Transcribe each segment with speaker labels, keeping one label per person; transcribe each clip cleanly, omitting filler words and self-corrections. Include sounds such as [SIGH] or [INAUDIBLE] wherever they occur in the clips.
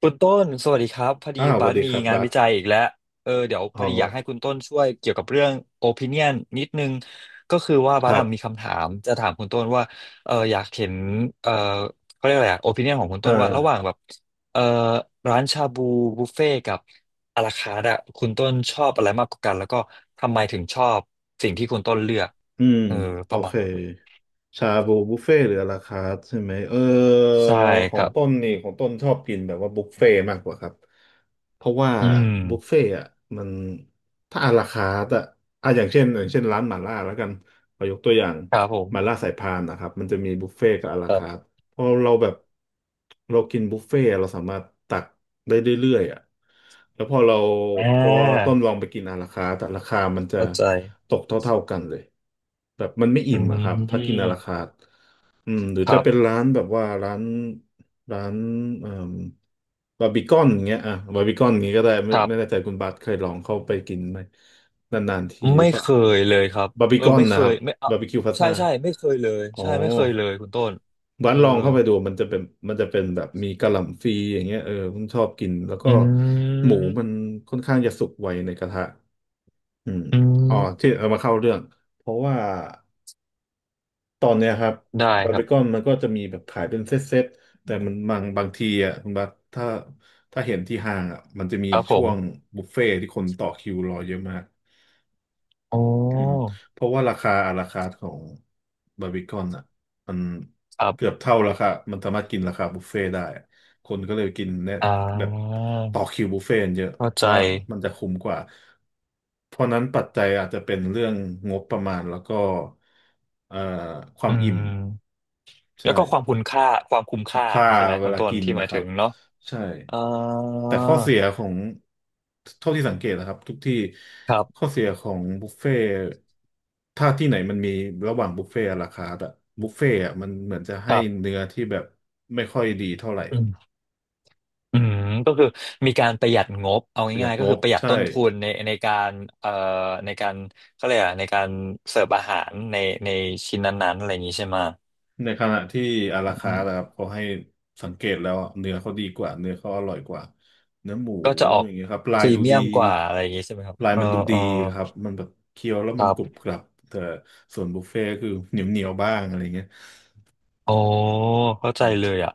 Speaker 1: คุณต้นสวัสดีครับพอดี
Speaker 2: อ้าวส
Speaker 1: บั
Speaker 2: วัส
Speaker 1: ส
Speaker 2: ดี
Speaker 1: มี
Speaker 2: ครับ
Speaker 1: งาน
Speaker 2: บัส
Speaker 1: วิจัยอีกแล้วเออเดี๋ยวพ
Speaker 2: อ๋
Speaker 1: อดีอยากให้
Speaker 2: อ
Speaker 1: คุณต้นช่วยเกี่ยวกับเรื่อง opinion นิดนึงก็คือว่าบั
Speaker 2: ค
Speaker 1: ส
Speaker 2: รับ
Speaker 1: อะมีคำถามจะถามคุณต้นว่าเอออยากเห็นเออเขาเรียกอะไรอะ opinion ของคุณต้
Speaker 2: อ่า
Speaker 1: นว่าระหว่างแบบเออร้านชาบูบุฟเฟ่กับอาราคาร์ทอะคุณต้นชอบอะไรมากกว่ากันแล้วก็ทำไมถึงชอบสิ่งที่คุณต้นเลือก
Speaker 2: อืม
Speaker 1: เออ
Speaker 2: โอ
Speaker 1: ประมา
Speaker 2: เค
Speaker 1: ณนั้น
Speaker 2: ชาบูบุฟเฟ่ต์หรืออลาคาร์ทใช่ไหมเออ
Speaker 1: ใช่
Speaker 2: ขอ
Speaker 1: ค
Speaker 2: ง
Speaker 1: รั
Speaker 2: ต้น
Speaker 1: บ
Speaker 2: นี่ของต้นชอบกินแบบว่าบุฟเฟ่ต์มากกว่าครับเพราะว่า
Speaker 1: อืม
Speaker 2: บุฟเฟ่ต์อ่ะมันถ้าอลาคาร์ทอ่ะอ่ะอย่างเช่นร้านหม่าล่าแล้วกันขอยกตัวอย่าง
Speaker 1: ครับผ
Speaker 2: หม่า
Speaker 1: ม
Speaker 2: ล่าสายพานนะครับมันจะมีบุฟเฟ่ต์กับอลาคาร์ท พอเราแบบเรากินบุฟเฟ่ต์เราสามารถตักได้เรื่อยๆอ่ะแล้วพอเรา
Speaker 1: อ่
Speaker 2: พอต้
Speaker 1: า
Speaker 2: นลองไปกินอาราคาร์ทแต่ราคามันจะ
Speaker 1: เข้าใจ
Speaker 2: ตกเท่าๆกันเลยแบบมันไม่อิ่
Speaker 1: อื
Speaker 2: มอะครับถ้ากินอาราคา
Speaker 1: ม
Speaker 2: ร์ท อืมหรือ
Speaker 1: ค
Speaker 2: จะ
Speaker 1: รับ
Speaker 2: เป็นร้านแบบว่าร้านร้านเอ่อบาร์บีคอนอย่างเงี้ยอ่ะบาร์บีคอนอย่างเงี้ยก็ได้ไม่
Speaker 1: ครั
Speaker 2: ไม่แน่
Speaker 1: บ
Speaker 2: ใจคุณบัสเคยลองเข้าไปกินไหมนานๆทีหรื
Speaker 1: ไม่
Speaker 2: อเปล่า
Speaker 1: เคยเลยครับ
Speaker 2: บาร์บี
Speaker 1: เออ
Speaker 2: คอน
Speaker 1: ไม่เค
Speaker 2: นะครั
Speaker 1: ย
Speaker 2: บ
Speaker 1: ไม่
Speaker 2: บาร์บีคิวพา
Speaker 1: ใช่
Speaker 2: ซ่า
Speaker 1: ใช่ไม่เคยเลย
Speaker 2: อ๋อ
Speaker 1: ใช่ไม่เคยเลยคุณต้น
Speaker 2: ร้า
Speaker 1: เอ
Speaker 2: น
Speaker 1: อ
Speaker 2: ลองเข้าไปดูมันจะเป็นมันจะเป็นแบบมีกะหล่ำฟรีอย่างเงี้ยเออผมชอบกินแล้วก็
Speaker 1: อื
Speaker 2: หมูมัน
Speaker 1: ม
Speaker 2: ค่อนข้างจะสุกไวในกระทะอืม
Speaker 1: อื
Speaker 2: อ๋อที่
Speaker 1: ม
Speaker 2: เอามาเข้าเรื่องเพราะว่า ตอนเนี้ยครับ
Speaker 1: ได้
Speaker 2: บาร์
Speaker 1: ครั
Speaker 2: บี
Speaker 1: บ
Speaker 2: คอนมันก็จะมีแบบขายเป็นเซตเซตแต่มันบางทีอ่ะคุณบัสถ้าถ้าเห็นที่ห้างอ่ะมันจะมี
Speaker 1: ครับผ
Speaker 2: ช่ว
Speaker 1: ม
Speaker 2: งบุฟเฟ่ต์ที่คนต่อคิวรอเยอะมาก
Speaker 1: อ๋อ
Speaker 2: อืมเพราะว่าราคาอาราคาร์ทของบาร์บีคอนอ่ะมัน
Speaker 1: ครั
Speaker 2: เกือ
Speaker 1: บ
Speaker 2: บเท่าราคามันสามารถกินราคาบุฟเฟ่ต์ได้อะคนก็เลยกินเนี่ย
Speaker 1: อ่
Speaker 2: แบบ
Speaker 1: า
Speaker 2: ต่อคิวบุฟเฟ่ต์กันเยอะ
Speaker 1: เข้าใจ
Speaker 2: แล้วมันจะคุ้มกว่าเพราะนั้นปัจจัยอาจจะเป็นเรื่องงบประมาณแล้วก็เอ่อควา
Speaker 1: อื
Speaker 2: มอิ่ม
Speaker 1: มแล้
Speaker 2: ใช่
Speaker 1: วก็ความคุณค่าความคุ้ม
Speaker 2: คุ้ม
Speaker 1: ค่า
Speaker 2: ค่า
Speaker 1: ใช่ไหม
Speaker 2: เว
Speaker 1: คุณ
Speaker 2: ลา
Speaker 1: ต้น
Speaker 2: กิน
Speaker 1: ที่หมา
Speaker 2: นะ
Speaker 1: ย
Speaker 2: ครั
Speaker 1: ถึ
Speaker 2: บ
Speaker 1: งเนาะ
Speaker 2: ใช่
Speaker 1: อ่า
Speaker 2: แต่ข้อเสียของเท่าที่สังเกตนะครับทุกที่
Speaker 1: ครับ
Speaker 2: ข้อเสียของบุฟเฟ่ต์ถ้าที่ไหนมันมีระหว่างบุฟเฟ่ต์ราคาแต่บุฟเฟ่ต์อะมันเหมือนจะ
Speaker 1: ค
Speaker 2: ให้
Speaker 1: รับ
Speaker 2: เนื้อที่แบบไม่ค่อยดีเท่าไหร่
Speaker 1: อืมก็คือมีการประหยัดงบเอา
Speaker 2: ประหยัด
Speaker 1: ง่ายๆ
Speaker 2: ง
Speaker 1: ก็คือ
Speaker 2: บ
Speaker 1: ประหยัด
Speaker 2: ใช่
Speaker 1: ต้นทุนในการเอ่อในการเขาเรียกอะไรในการเสิร์ฟอาหารในชิ้นนั้นๆอะไรอย่างนี้ใช่ไหม
Speaker 2: ในขณะที่อารา
Speaker 1: อื
Speaker 2: คานะค
Speaker 1: ม
Speaker 2: รับเขาให้สังเกตแล้วอะเนื้อเขาดีกว่าเนื้อเขาอร่อยกว่าเนื้อหมู
Speaker 1: ก็จะออ
Speaker 2: อ
Speaker 1: ก
Speaker 2: ย่างเงี้ยครับลา
Speaker 1: พ
Speaker 2: ย
Speaker 1: รี
Speaker 2: ดู
Speaker 1: เมี
Speaker 2: ดี
Speaker 1: ยมกว่าอะไรอย่างนี้ใช่ไหมครับ
Speaker 2: ลาย
Speaker 1: เออ
Speaker 2: มันดูดี
Speaker 1: เออ
Speaker 2: ครับมันแบบเคี้ยวแล้ว
Speaker 1: ค
Speaker 2: มัน
Speaker 1: รั
Speaker 2: กรุบ
Speaker 1: บ
Speaker 2: กรับแต่ส่วนบุฟเฟ่ต์คือเหนียวเหนียวบ้างอะไรเงี้ย
Speaker 1: อ๋อเข้าใจ
Speaker 2: อืม
Speaker 1: เลยอ่ะ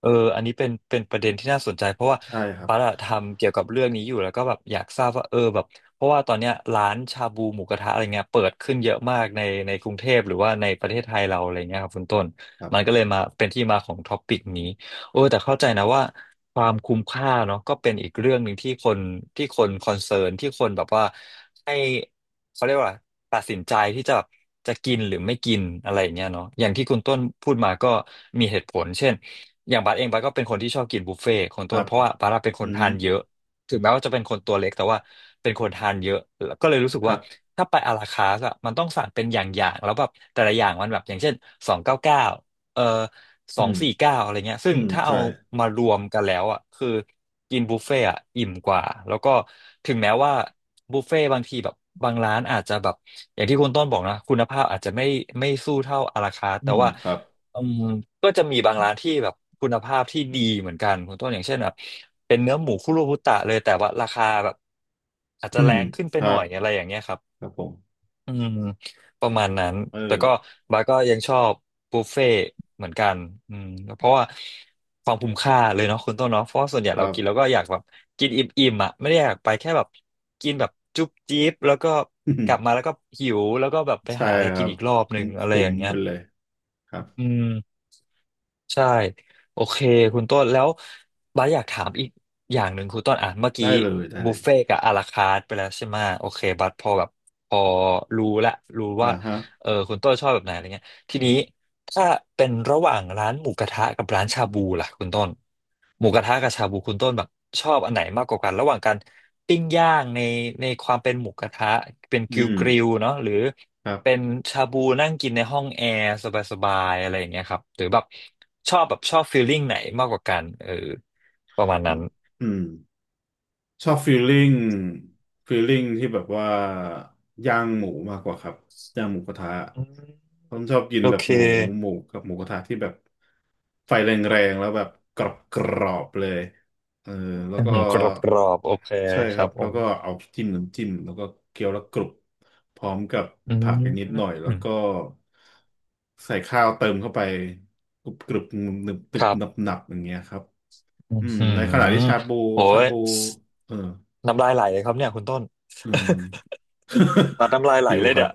Speaker 1: เอออันนี้เป็นประเด็นที่น่าสนใจเพราะว่า
Speaker 2: ใช่ครับ
Speaker 1: ปั๊ดทำเกี่ยวกับเรื่องนี้อยู่แล้วก็แบบอยากทราบว่าเออแบบเพราะว่าตอนเนี้ยร้านชาบูหมูกระทะอะไรเงี้ยเปิดขึ้นเยอะมากในกรุงเทพหรือว่าในประเทศไทยเราอะไรเงี้ยครับคุณต้น
Speaker 2: ครั
Speaker 1: มันก็
Speaker 2: บ
Speaker 1: เลยมาเป็นที่มาของท็อปปิกนี้โอ้แต่เข้าใจนะว่าความคุ้มค่าเนาะก็เป็นอีกเรื่องหนึ่งที่คนคอนเซิร์นที่คนแบบว่าให้ เขาเรียกว่าอะไรตัดสินใจที่จะแบบจะกินหรือไม่กินอะไรอย่างเงี้ยเนาะอย่างที่คุณต้นพูดมาก็มีเหตุผลเช่นอย่างบัสเองบัสก็เป็นคนที่ชอบกินบุฟเฟ่ต์คน
Speaker 2: ค
Speaker 1: ต้
Speaker 2: รั
Speaker 1: น
Speaker 2: บ
Speaker 1: เพราะว่าบัสอะเป็นค
Speaker 2: อื
Speaker 1: น
Speaker 2: ม
Speaker 1: ทานเยอะถึงแม้ว่าจะเป็นคนตัวเล็กแต่ว่าเป็นคนทานเยอะแล้วก็เลยรู้สึก
Speaker 2: ค
Speaker 1: ว่า
Speaker 2: รับ
Speaker 1: ถ้าไปอาราคาสอะมันต้องสั่งเป็นอย่างๆแล้วแบบแต่ละอย่างมันแบบอย่างเช่น299เอ่อส
Speaker 2: อื
Speaker 1: อง
Speaker 2: ม
Speaker 1: สี่เก้าอะไรเงี้ยซึ่
Speaker 2: อื
Speaker 1: ง
Speaker 2: ม
Speaker 1: ถ้าเอา
Speaker 2: ใช่
Speaker 1: มารวมกันแล้วอะคือ กินบุฟเฟ่อะอิ่มกว่าแล้วก็ถึงแม้ว่าบุฟเฟ่บางทีแบบบางร้านอาจจะแบบอย่างที่คุณต้นบอกนะคุณภาพอาจจะไม่ไม่สู้เท่าอาราคาร์ท
Speaker 2: อื
Speaker 1: แต่
Speaker 2: ม
Speaker 1: ว่า
Speaker 2: ครับ
Speaker 1: อืมก็จะมีบางร้านที่แบบคุณภาพที่ดีเหมือนกันคุณต้นอย่างเช่นแบบเป็นเนื้อหมูคุโรบุตะเลยแต่ว่าราคาแบบอาจ
Speaker 2: อื
Speaker 1: จะแร
Speaker 2: ม
Speaker 1: งขึ้นไป
Speaker 2: ครั
Speaker 1: หน่อ
Speaker 2: บ
Speaker 1: ยอะไรอย่างเงี้ยครับ
Speaker 2: ครับผม
Speaker 1: อืมประมาณนั้น
Speaker 2: เออ
Speaker 1: แต่ก็บาร์ก็ยังชอบบุฟเฟ่ต์เหมือนกันอืมเพราะว่าความคุ้มค่าเลยเนาะคุณต้นเนาะเพราะว่าส่วนใหญ่
Speaker 2: ครั
Speaker 1: เรากินแล้
Speaker 2: บ
Speaker 1: วก็อยากแบบกินอิ่มๆอ่ะไม่ได้อยากไปแค่แบบกินแบบจุ๊บจิ๊บแล้วก็
Speaker 2: อื
Speaker 1: ก
Speaker 2: ม
Speaker 1: ลับมาแล้วก็หิวแล้วก็แบบไป
Speaker 2: ใช่
Speaker 1: หาอะไร
Speaker 2: ค
Speaker 1: กิ
Speaker 2: รั
Speaker 1: น
Speaker 2: บ
Speaker 1: อีกรอบ
Speaker 2: ผ
Speaker 1: หนึ่
Speaker 2: ม
Speaker 1: ง
Speaker 2: ข
Speaker 1: อะไรอ
Speaker 2: ม
Speaker 1: ย่าง
Speaker 2: ๆ
Speaker 1: เงี้
Speaker 2: ไป
Speaker 1: ย
Speaker 2: เลยครับ
Speaker 1: อืม ใช่โอเคคุณต้นแล้วบาสอยากถามอีกอย่างหนึ่งคุณต้นอ่ะเมื่อ
Speaker 2: ได้
Speaker 1: กี้
Speaker 2: เลยได้เล
Speaker 1: บุฟ
Speaker 2: ย
Speaker 1: เฟ่ต์กับอาราคาร์ทไปแล้วใช่ไหมโอเคบาสพอแบบพอรู้ละรู้
Speaker 2: อ่า
Speaker 1: ว่า
Speaker 2: ฮะ
Speaker 1: เออคุณต้นชอบแบบไหนอะไรเงี้ยทีนี้ถ้าเป็นระหว่างร้านหมูกระทะกับร้านชาบูล่ะคุณต้นหมูกระทะกับชาบูคุณต้นแบบชอบอันไหนมากกว่ากันระหว่างการปิ้งย่างในความเป็นหมูกระทะเป็น
Speaker 2: อื
Speaker 1: กริล
Speaker 2: ม
Speaker 1: กริลเนาะหรือ
Speaker 2: ครับ
Speaker 1: เป็นชาบูนั่งกินในห้องแอร์สบายๆอะไรอย่างเงี้ยครับหรือแบบชอบฟีลลิ่งไหนมากกว่ากันเออประมาณ
Speaker 2: อื
Speaker 1: นั้น
Speaker 2: มชอบฟีลลิ่งฟีลลิ่งที่แบบว่าย่างหมูมากกว่าครับย่างหมูกระทะ
Speaker 1: อืม
Speaker 2: ผมชอบกิน
Speaker 1: โอ
Speaker 2: แบบ
Speaker 1: เค
Speaker 2: หมูหมูกับหมูกระทะที่แบบไฟแรงๆแล้วแบบกรอบๆเลยเออแล้ว
Speaker 1: อื
Speaker 2: ก็
Speaker 1: มกรอบโอเค
Speaker 2: ใช่
Speaker 1: ค
Speaker 2: ครั
Speaker 1: รั
Speaker 2: บ
Speaker 1: บผ
Speaker 2: แล้ว
Speaker 1: ม
Speaker 2: ก็เอาจิ้มน้ำจิ้มแล้วก็เคี้ยวแล้วกรุบพร้อมกับ
Speaker 1: อ
Speaker 2: ผักอีกนิดห
Speaker 1: ื
Speaker 2: น่อยแล้วก็
Speaker 1: ม
Speaker 2: ใส่ข้าวเติมเข้าไปกรุบกรุบหนึบหนึ
Speaker 1: ค
Speaker 2: บ
Speaker 1: รั
Speaker 2: หนับ
Speaker 1: บ
Speaker 2: หนับอย่างเงี้ยครับ
Speaker 1: อ
Speaker 2: อืม
Speaker 1: ื
Speaker 2: ใน
Speaker 1: ม
Speaker 2: ขณะที่ชาบู
Speaker 1: โอ้
Speaker 2: ชา
Speaker 1: ย
Speaker 2: บูเออ
Speaker 1: น้ำลายไหลเลยครับเนี่ยคุณต้น
Speaker 2: อืม
Speaker 1: [LAUGHS] ตัดน้ำลาย
Speaker 2: [LAUGHS]
Speaker 1: ไหล
Speaker 2: หิว
Speaker 1: เลย
Speaker 2: ครั
Speaker 1: เด้
Speaker 2: บ
Speaker 1: อ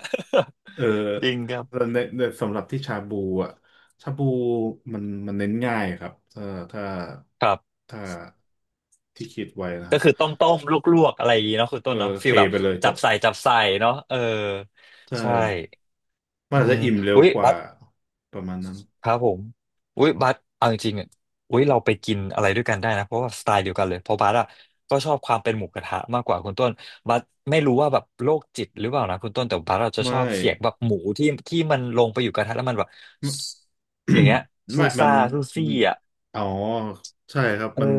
Speaker 1: [LAUGHS]
Speaker 2: เออ
Speaker 1: จริงครับ
Speaker 2: แต่ในในสำหรับที่ชาบูอ่ะชาบูมันเน้นง่ายครับถ้าถ้า
Speaker 1: ครับ
Speaker 2: ถ้าที่คิดไว้นะค
Speaker 1: ก็
Speaker 2: รับ
Speaker 1: คือต้มลวกๆอะไรอย่างงี้เนาะคุณ
Speaker 2: เอ
Speaker 1: ต้
Speaker 2: อ
Speaker 1: นเนาะฟี
Speaker 2: เท
Speaker 1: ลแบบ
Speaker 2: ไปเลยจ
Speaker 1: จับ
Speaker 2: บ
Speaker 1: ใส่จับใส่เนาะเออ
Speaker 2: ใช่
Speaker 1: ใช่
Speaker 2: มัน
Speaker 1: อื
Speaker 2: อาจ
Speaker 1: ม
Speaker 2: จะอิ่มเร็ว
Speaker 1: อุ้ย
Speaker 2: ก
Speaker 1: บั
Speaker 2: ว่า
Speaker 1: ส
Speaker 2: ประมาณนั้น
Speaker 1: ครับผมอุ้ยบัสเอาจริงๆอ่ะอุ้ยเราไปกินอะไรด้วยกันได้นะเพราะว่าสไตล์เดียวกันเลยเพราะบัสอ่ะก็ชอบความเป็นหมูกระทะมากกว่าคุณต้นบัสไม่รู้ว่าแบบโรคจิตหรือเปล่านะคุณต้นแต่บัสเราจะชอ
Speaker 2: ไม่
Speaker 1: บเสียงแบบหมูที่มันลงไปอยู่กระทะแล้วมันแบบอย่างเงี้ย
Speaker 2: [COUGHS]
Speaker 1: ซู
Speaker 2: ไม่มั
Speaker 1: ซ่า
Speaker 2: น
Speaker 1: ซู
Speaker 2: อ
Speaker 1: ซี่
Speaker 2: ม
Speaker 1: อ่ะ
Speaker 2: อ๋อใช่ครับ
Speaker 1: เออ
Speaker 2: มัน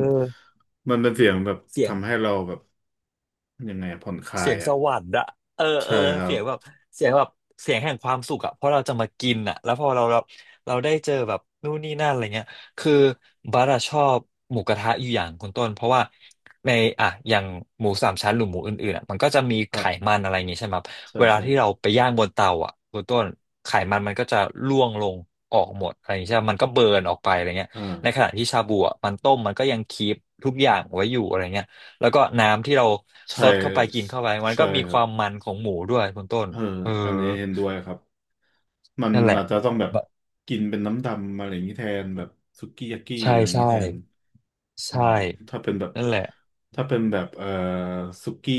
Speaker 2: มันเป็นเสียงแบบ
Speaker 1: เสียง
Speaker 2: ทำให้เราแบบ ยังไงอะผ่อนคลา
Speaker 1: เสี
Speaker 2: ย
Speaker 1: ยงส
Speaker 2: อ่ะ
Speaker 1: วรรค์อะเออเอ
Speaker 2: ใช่
Speaker 1: อ
Speaker 2: ครั
Speaker 1: เสี
Speaker 2: บ
Speaker 1: ยงแบบเสียงแบบเสียงแห่งความสุขอะเพราะเราจะมากินอะแล้วพอเราได้เจอแบบนู่นนี่นั่นอะไรเงี้ยคือบัสอะชอบหมูกระทะอยู่อย่างคุณต้นเพราะว่าในอะอย่างหมูสามชั้นหรือหมูอื่นๆอะมันก็จะมี
Speaker 2: ค
Speaker 1: ไข
Speaker 2: รับ
Speaker 1: มันอะไรอย่างงี้ใช่ไหมครับ
Speaker 2: ใช่
Speaker 1: เวลา
Speaker 2: ใช่
Speaker 1: ที่เราไปย่างบนเตาอะคุณต้นไขมันมันก็จะร่วงลงออกหมดอะไรอย่างงี้ใช่ไหมมันก็เบิร์นออกไปอะไรเงี้ย
Speaker 2: อ่า
Speaker 1: ในขณะที่ชาบูอะมันต้มมันก็ยังคีปทุกอย่างไว้อยู่อะไรเงี้ย แล้วก็น้ำที่เรา
Speaker 2: ใช
Speaker 1: ซดเข้าไป
Speaker 2: ่
Speaker 1: กินเข้าไปมัน
Speaker 2: ใช่
Speaker 1: ก็มี
Speaker 2: ค
Speaker 1: ค
Speaker 2: รับ
Speaker 1: วามมันของหมูด้วยคุณต้น
Speaker 2: เออ
Speaker 1: เออ
Speaker 2: อันนี้เห็นด้วยครับ มัน
Speaker 1: นั่นแหละ
Speaker 2: อาจจะต้องแบบ
Speaker 1: บะ
Speaker 2: กินเป็นน้ำดำอะไรอย่างนี้แทนแบบสุกี้ยากี้
Speaker 1: ใช่
Speaker 2: อะไรอย่าง
Speaker 1: ใช่
Speaker 2: นี้แทนอื
Speaker 1: ใช่
Speaker 2: ม ถ้าเป็นแบบ
Speaker 1: นั่นแหละ
Speaker 2: ถ้าเป็นแบบสุกี้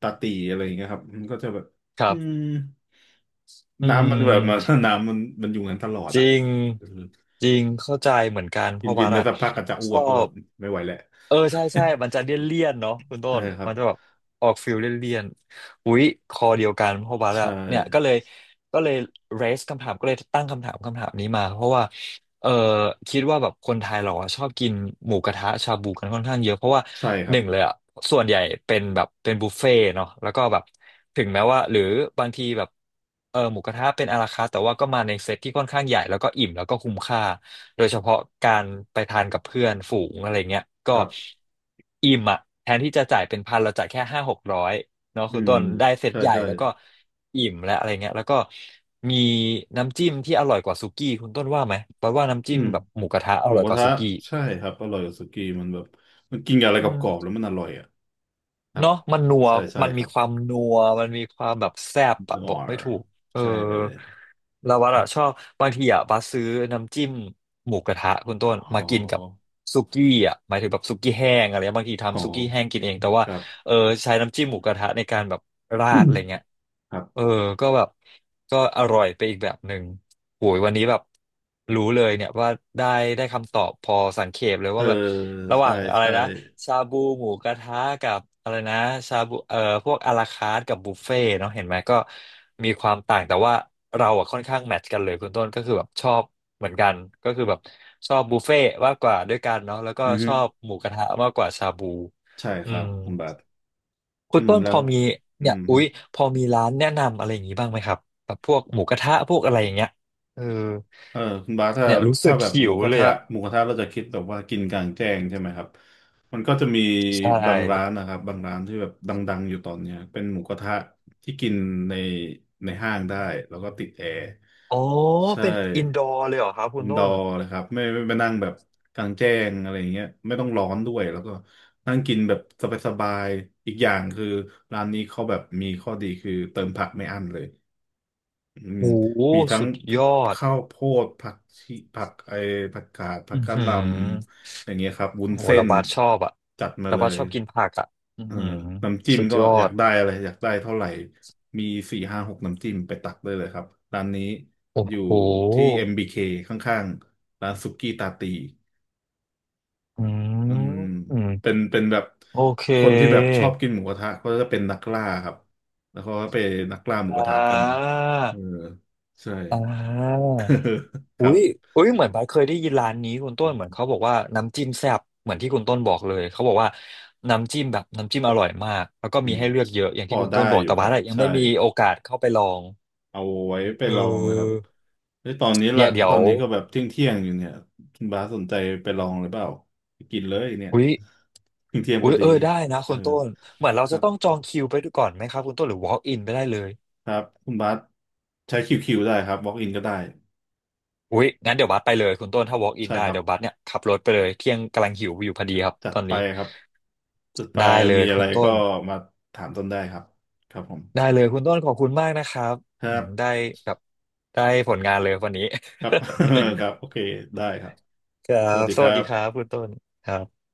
Speaker 2: ตาตีอะไรอย่างเงี้ยครับมันก็จะแบบ
Speaker 1: ค
Speaker 2: อื
Speaker 1: รั
Speaker 2: ม
Speaker 1: บอื
Speaker 2: น้ำมันแบบมัน
Speaker 1: ม
Speaker 2: [LAUGHS] น้ำมันมันอยู่งั้นตลอด
Speaker 1: จ
Speaker 2: อ่ะ
Speaker 1: ริง
Speaker 2: เออ
Speaker 1: จริงเข้าใจเหมือนกันเพ
Speaker 2: กิน
Speaker 1: ราะ
Speaker 2: วิ
Speaker 1: ว่า
Speaker 2: นไป
Speaker 1: อะ
Speaker 2: สักพักก็จะอ้
Speaker 1: ช
Speaker 2: ว
Speaker 1: อ
Speaker 2: กแบ
Speaker 1: บ
Speaker 2: บไม่ไหวแหละ
Speaker 1: เออใช่ใช่มันจะเลี่ยนเลี่ยนเนาะคุ
Speaker 2: [LAUGHS]
Speaker 1: ณต้
Speaker 2: ใช่
Speaker 1: น
Speaker 2: ครับ
Speaker 1: มันจะแบบออกฟิลเลี่ยนเลี่ยนอุ๊ยคอเดียวกันเพราะว่า
Speaker 2: ใช่
Speaker 1: อะเนี่ยก็เลยเรสคำถามก็เลยตั้งคำถามคำถามนี้มาเพราะว่า เออคิดว่าแบบคนไทยเราอะชอบกินหมูกระทะชาบูกันค่อนข้างเยอะเพราะว่า
Speaker 2: ใช่ค
Speaker 1: ห
Speaker 2: รับ
Speaker 1: นึ่งเลยอ่ะส่วนใหญ่เป็นบุฟเฟ่ต์เนาะแล้วก็แบบถึงแม้ว่าหรือบางทีแบบเออหมูกระทะเป็นอาราคาร์ทแต่ว่าก็มาในเซตที่ค่อนข้างใหญ่แล้วก็อิ่มแล้วก็คุ้มค่าโดยเฉพาะการไปทานกับเพื่อนฝูงอะไรเงี้ยก็
Speaker 2: ครับ
Speaker 1: อิ่มอ่ะแทนที่จะจ่ายเป็นพันเราจ่ายแค่ห้าหกร้อย เนาะ
Speaker 2: อื
Speaker 1: คุณ
Speaker 2: ม
Speaker 1: ต้นได้เซต
Speaker 2: ใช่
Speaker 1: ใหญ่
Speaker 2: ใช่
Speaker 1: แล้วก็อิ่มและอะไรเงี้ยแล้วก็มีน้ำจิ้มที่อร่อยกว่าสุกี้คุณต้นว่าไหมเพราะว่าน้ำ
Speaker 2: อื
Speaker 1: จิ้ม
Speaker 2: ม
Speaker 1: แบบหมูกระทะอ
Speaker 2: หมู
Speaker 1: ร่อย
Speaker 2: ก
Speaker 1: ก
Speaker 2: ระ
Speaker 1: ว่า
Speaker 2: ทะ
Speaker 1: สุกี้
Speaker 2: ใช่ครับอร่อยกว่าสุกี้มันแบบมันกินกับอะไร
Speaker 1: อื
Speaker 2: ก
Speaker 1: ม
Speaker 2: รอบๆแล้วมันอร่อยอ่ะครับ
Speaker 1: เนาะมันนัว
Speaker 2: ใช่ใช่
Speaker 1: มัน
Speaker 2: ค
Speaker 1: มี
Speaker 2: รับ
Speaker 1: ความนัวมันมีความแบบแซ่บ
Speaker 2: อ๋
Speaker 1: อะ
Speaker 2: อ
Speaker 1: บอกไม่ถูกเออ
Speaker 2: ใช่เลย
Speaker 1: เราว่าอะชอบบางทีอะบัสซื้อน้ำจิ้มหมูกระทะคุณต้น
Speaker 2: อ๋
Speaker 1: มากินกับ
Speaker 2: อ
Speaker 1: สุกี้อะหมายถึงแบบสุกี้แห้งอะไรเงี้ยบางที
Speaker 2: อ๋อ
Speaker 1: ทำสุกี้แห้งกินเองแต่ว่า
Speaker 2: ครับ
Speaker 1: เออใช้น้ำจิ้มหมูกระทะในการแบบราดอะไร
Speaker 2: [COUGHS]
Speaker 1: เงี้ย
Speaker 2: [CLEARS THROAT] ครับ
Speaker 1: เออก็แบบก็อร่อยไปอีกแบบหนึ่งโหยวันนี้แบบรู้เลยเนี่ยว่าได้ได้คำตอบพอสังเขปเลย
Speaker 2: เออ
Speaker 1: ว่าแบบระห
Speaker 2: ใช่
Speaker 1: ว่างอะไร
Speaker 2: ใช่
Speaker 1: นะชาบูหมูกระทะกับอะไรนะชาบูพวกอาราคาร์ทกับบุฟเฟ่ต์เนาะเห็นไหมก็มีความต่างแต่ว่าเราอะค่อนข้างแมทช์กันเลยคุณต้นก็คือแบบชอบเหมือนกันก็คือแบบชอบบุฟเฟ่ต์มากกว่าด้วยกันเนาะแล้วก็
Speaker 2: อือ
Speaker 1: ช
Speaker 2: ฮึ
Speaker 1: อบหมูกระทะมากกว่าชาบู
Speaker 2: ใช่
Speaker 1: อื
Speaker 2: ครับ
Speaker 1: ม
Speaker 2: คุณบาท
Speaker 1: คุ
Speaker 2: อื
Speaker 1: ณ
Speaker 2: ม
Speaker 1: ต้น
Speaker 2: แล้
Speaker 1: พอ
Speaker 2: ว
Speaker 1: มี
Speaker 2: อื
Speaker 1: เนี่ย
Speaker 2: ม
Speaker 1: อุ๊
Speaker 2: ฮึ
Speaker 1: ยพอมีร้านแนะนำอะไรอย่างนี้บ้างไหมครับแบบพวกหมูกระทะพวกอะไรอย่างเงี้ยเออ
Speaker 2: เออคุณบาสถ้า
Speaker 1: เนี่ยรู้สึ
Speaker 2: ถ้า
Speaker 1: ก
Speaker 2: แบบห
Speaker 1: หิ
Speaker 2: มู
Speaker 1: ว
Speaker 2: กระ
Speaker 1: เลย
Speaker 2: ทะ
Speaker 1: อ่ะ
Speaker 2: หมูกระทะเราจะคิดแบบว่ากินกลางแจ้งใช่ไหมครับมันก็จะมี
Speaker 1: ใช่
Speaker 2: บางร้านนะครับบางร้านที่แบบดังๆอยู่ตอนเนี้ยเป็นหมูกระทะที่กินในในห้างได้แล้วก็ติดแอร์
Speaker 1: อ๋อ
Speaker 2: ใช่
Speaker 1: เป็นอินดอร์เลยเหรอครับคุ
Speaker 2: อิ
Speaker 1: ณ
Speaker 2: นด
Speaker 1: ต้
Speaker 2: อ
Speaker 1: น
Speaker 2: ร์นะครับไม่ไปนั่งแบบกลางแจ้งอะไรอย่างเงี้ยไม่ต้องร้อนด้วยแล้วก็นั่งกินแบบสบายๆอีกอย่างคือร้านนี้เขาแบบมีข้อดีคือเติมผักไม่อั้นเลย อืม
Speaker 1: โอ้โห
Speaker 2: มีทั้ง
Speaker 1: สุดยอด
Speaker 2: ข้าวโพดผักชีผักไอผักกาดผั
Speaker 1: อื
Speaker 2: ก
Speaker 1: อ
Speaker 2: กะ
Speaker 1: หื
Speaker 2: ห
Speaker 1: อ
Speaker 2: ล่ำอย่างเงี้ยครับวุ้
Speaker 1: โอ้
Speaker 2: น
Speaker 1: โห
Speaker 2: เส้
Speaker 1: ระ
Speaker 2: น
Speaker 1: บาดชอบอ่ะ
Speaker 2: จัดมา
Speaker 1: ระ
Speaker 2: เล
Speaker 1: บาด
Speaker 2: ย
Speaker 1: ชอบกินผักอ่ะอือ
Speaker 2: เออ
Speaker 1: หือ
Speaker 2: น้ำจิ้ม
Speaker 1: สุด
Speaker 2: ก็
Speaker 1: ยอ
Speaker 2: อยาก
Speaker 1: ด
Speaker 2: ได้อะไรอยากได้เท่าไหร่มีสี่ห้าหกน้ำจิ้มไปตักได้เลยครับร้านนี้
Speaker 1: โอ้
Speaker 2: อยู่
Speaker 1: โห
Speaker 2: ที่ MBK ข้างๆร้านสุกี้ตาตี
Speaker 1: อ
Speaker 2: อื
Speaker 1: ื
Speaker 2: ม
Speaker 1: ม
Speaker 2: เป็นเป็นแบบ
Speaker 1: โอเค
Speaker 2: คนที่แบบชอบกินหมูกระทะก็จะเป็นนักล่าครับแล้วเขาก็ไปนักล่าหมู
Speaker 1: อ่
Speaker 2: กระทะกัน
Speaker 1: า
Speaker 2: เออใช่
Speaker 1: อ่า
Speaker 2: [LAUGHS] ค
Speaker 1: อุ้
Speaker 2: รับ
Speaker 1: ยอุ้ยเหมือนบาสเคยได้ยินร้านนี้คุณต้นเหมือนเขาบอกว่าน้ำจิ้มแซ่บเหมือนที่คุณต้นบอกเลยเขาบอกว่าน้ำจิ้มแบบน้ำจิ้มอร่อยมากแล้วก็
Speaker 2: อื
Speaker 1: มี
Speaker 2: ม
Speaker 1: ให้เลือกเยอะอย่าง
Speaker 2: พอ
Speaker 1: ที่คุณ
Speaker 2: ได้
Speaker 1: ต้นบอก
Speaker 2: อยู่
Speaker 1: แต่
Speaker 2: ค
Speaker 1: บา
Speaker 2: รั
Speaker 1: ส
Speaker 2: บ
Speaker 1: อะยัง
Speaker 2: ใช่
Speaker 1: ไม่มีโอกาสเข้าไปลอง
Speaker 2: เอาไว้ไป
Speaker 1: เอ
Speaker 2: ลองนะครับ
Speaker 1: อ
Speaker 2: เฮ้ยตอนนี้ละ
Speaker 1: เนี่ยเดี๋ย
Speaker 2: ตอ
Speaker 1: ว
Speaker 2: นนี้ก็แบบเที่ยงเที่ยงอยู่เนี่ยคุณบาสสนใจไปลองหรือเปล่าไปกินเลยเนี่ย
Speaker 1: อุ้ย
Speaker 2: เที่ยงเที่ยง
Speaker 1: อุ้
Speaker 2: พอ
Speaker 1: ย
Speaker 2: ดี
Speaker 1: เออได้นะ
Speaker 2: เอ
Speaker 1: คุ
Speaker 2: อ
Speaker 1: ณต้นเหมือนเรา
Speaker 2: ค
Speaker 1: จะ
Speaker 2: รับ
Speaker 1: ต้องจองคิวไปก่อนไหมครับคุณต้นหรือ walk in ไปได้เลย
Speaker 2: ครับคุณบาสใช้คิวได้ครับ walk in ก็ได้
Speaker 1: อุ้ยงั้นเดี๋ยวบัสไปเลยคุณต้นถ้า walk in
Speaker 2: ใช่
Speaker 1: ได้
Speaker 2: ครับ
Speaker 1: เดี๋ยวบัสเนี่ยขับรถไปเลยเที่ยงกำลังหิวอยู่พอดีครับ
Speaker 2: จั
Speaker 1: ต
Speaker 2: ด
Speaker 1: อน
Speaker 2: ไป
Speaker 1: นี้
Speaker 2: ครับจัดไป
Speaker 1: ได้เล
Speaker 2: มี
Speaker 1: ย
Speaker 2: อะ
Speaker 1: คุ
Speaker 2: ไร
Speaker 1: ณต้
Speaker 2: ก็
Speaker 1: น
Speaker 2: มาถามต้นได้ครับครับผม
Speaker 1: ได้เลยคุณต้นขอบคุณมากนะครับ
Speaker 2: ค
Speaker 1: อื
Speaker 2: รั
Speaker 1: มได้
Speaker 2: บ
Speaker 1: แบบได้ผลงานเลยวันนี้
Speaker 2: ครับ [LAUGHS] ครับโอเคได้ครับ
Speaker 1: [LAUGHS] ครั
Speaker 2: สวั
Speaker 1: บ
Speaker 2: สดี
Speaker 1: ส
Speaker 2: ค
Speaker 1: วั
Speaker 2: รั
Speaker 1: สดีครั
Speaker 2: บ
Speaker 1: บคุณต้นครับ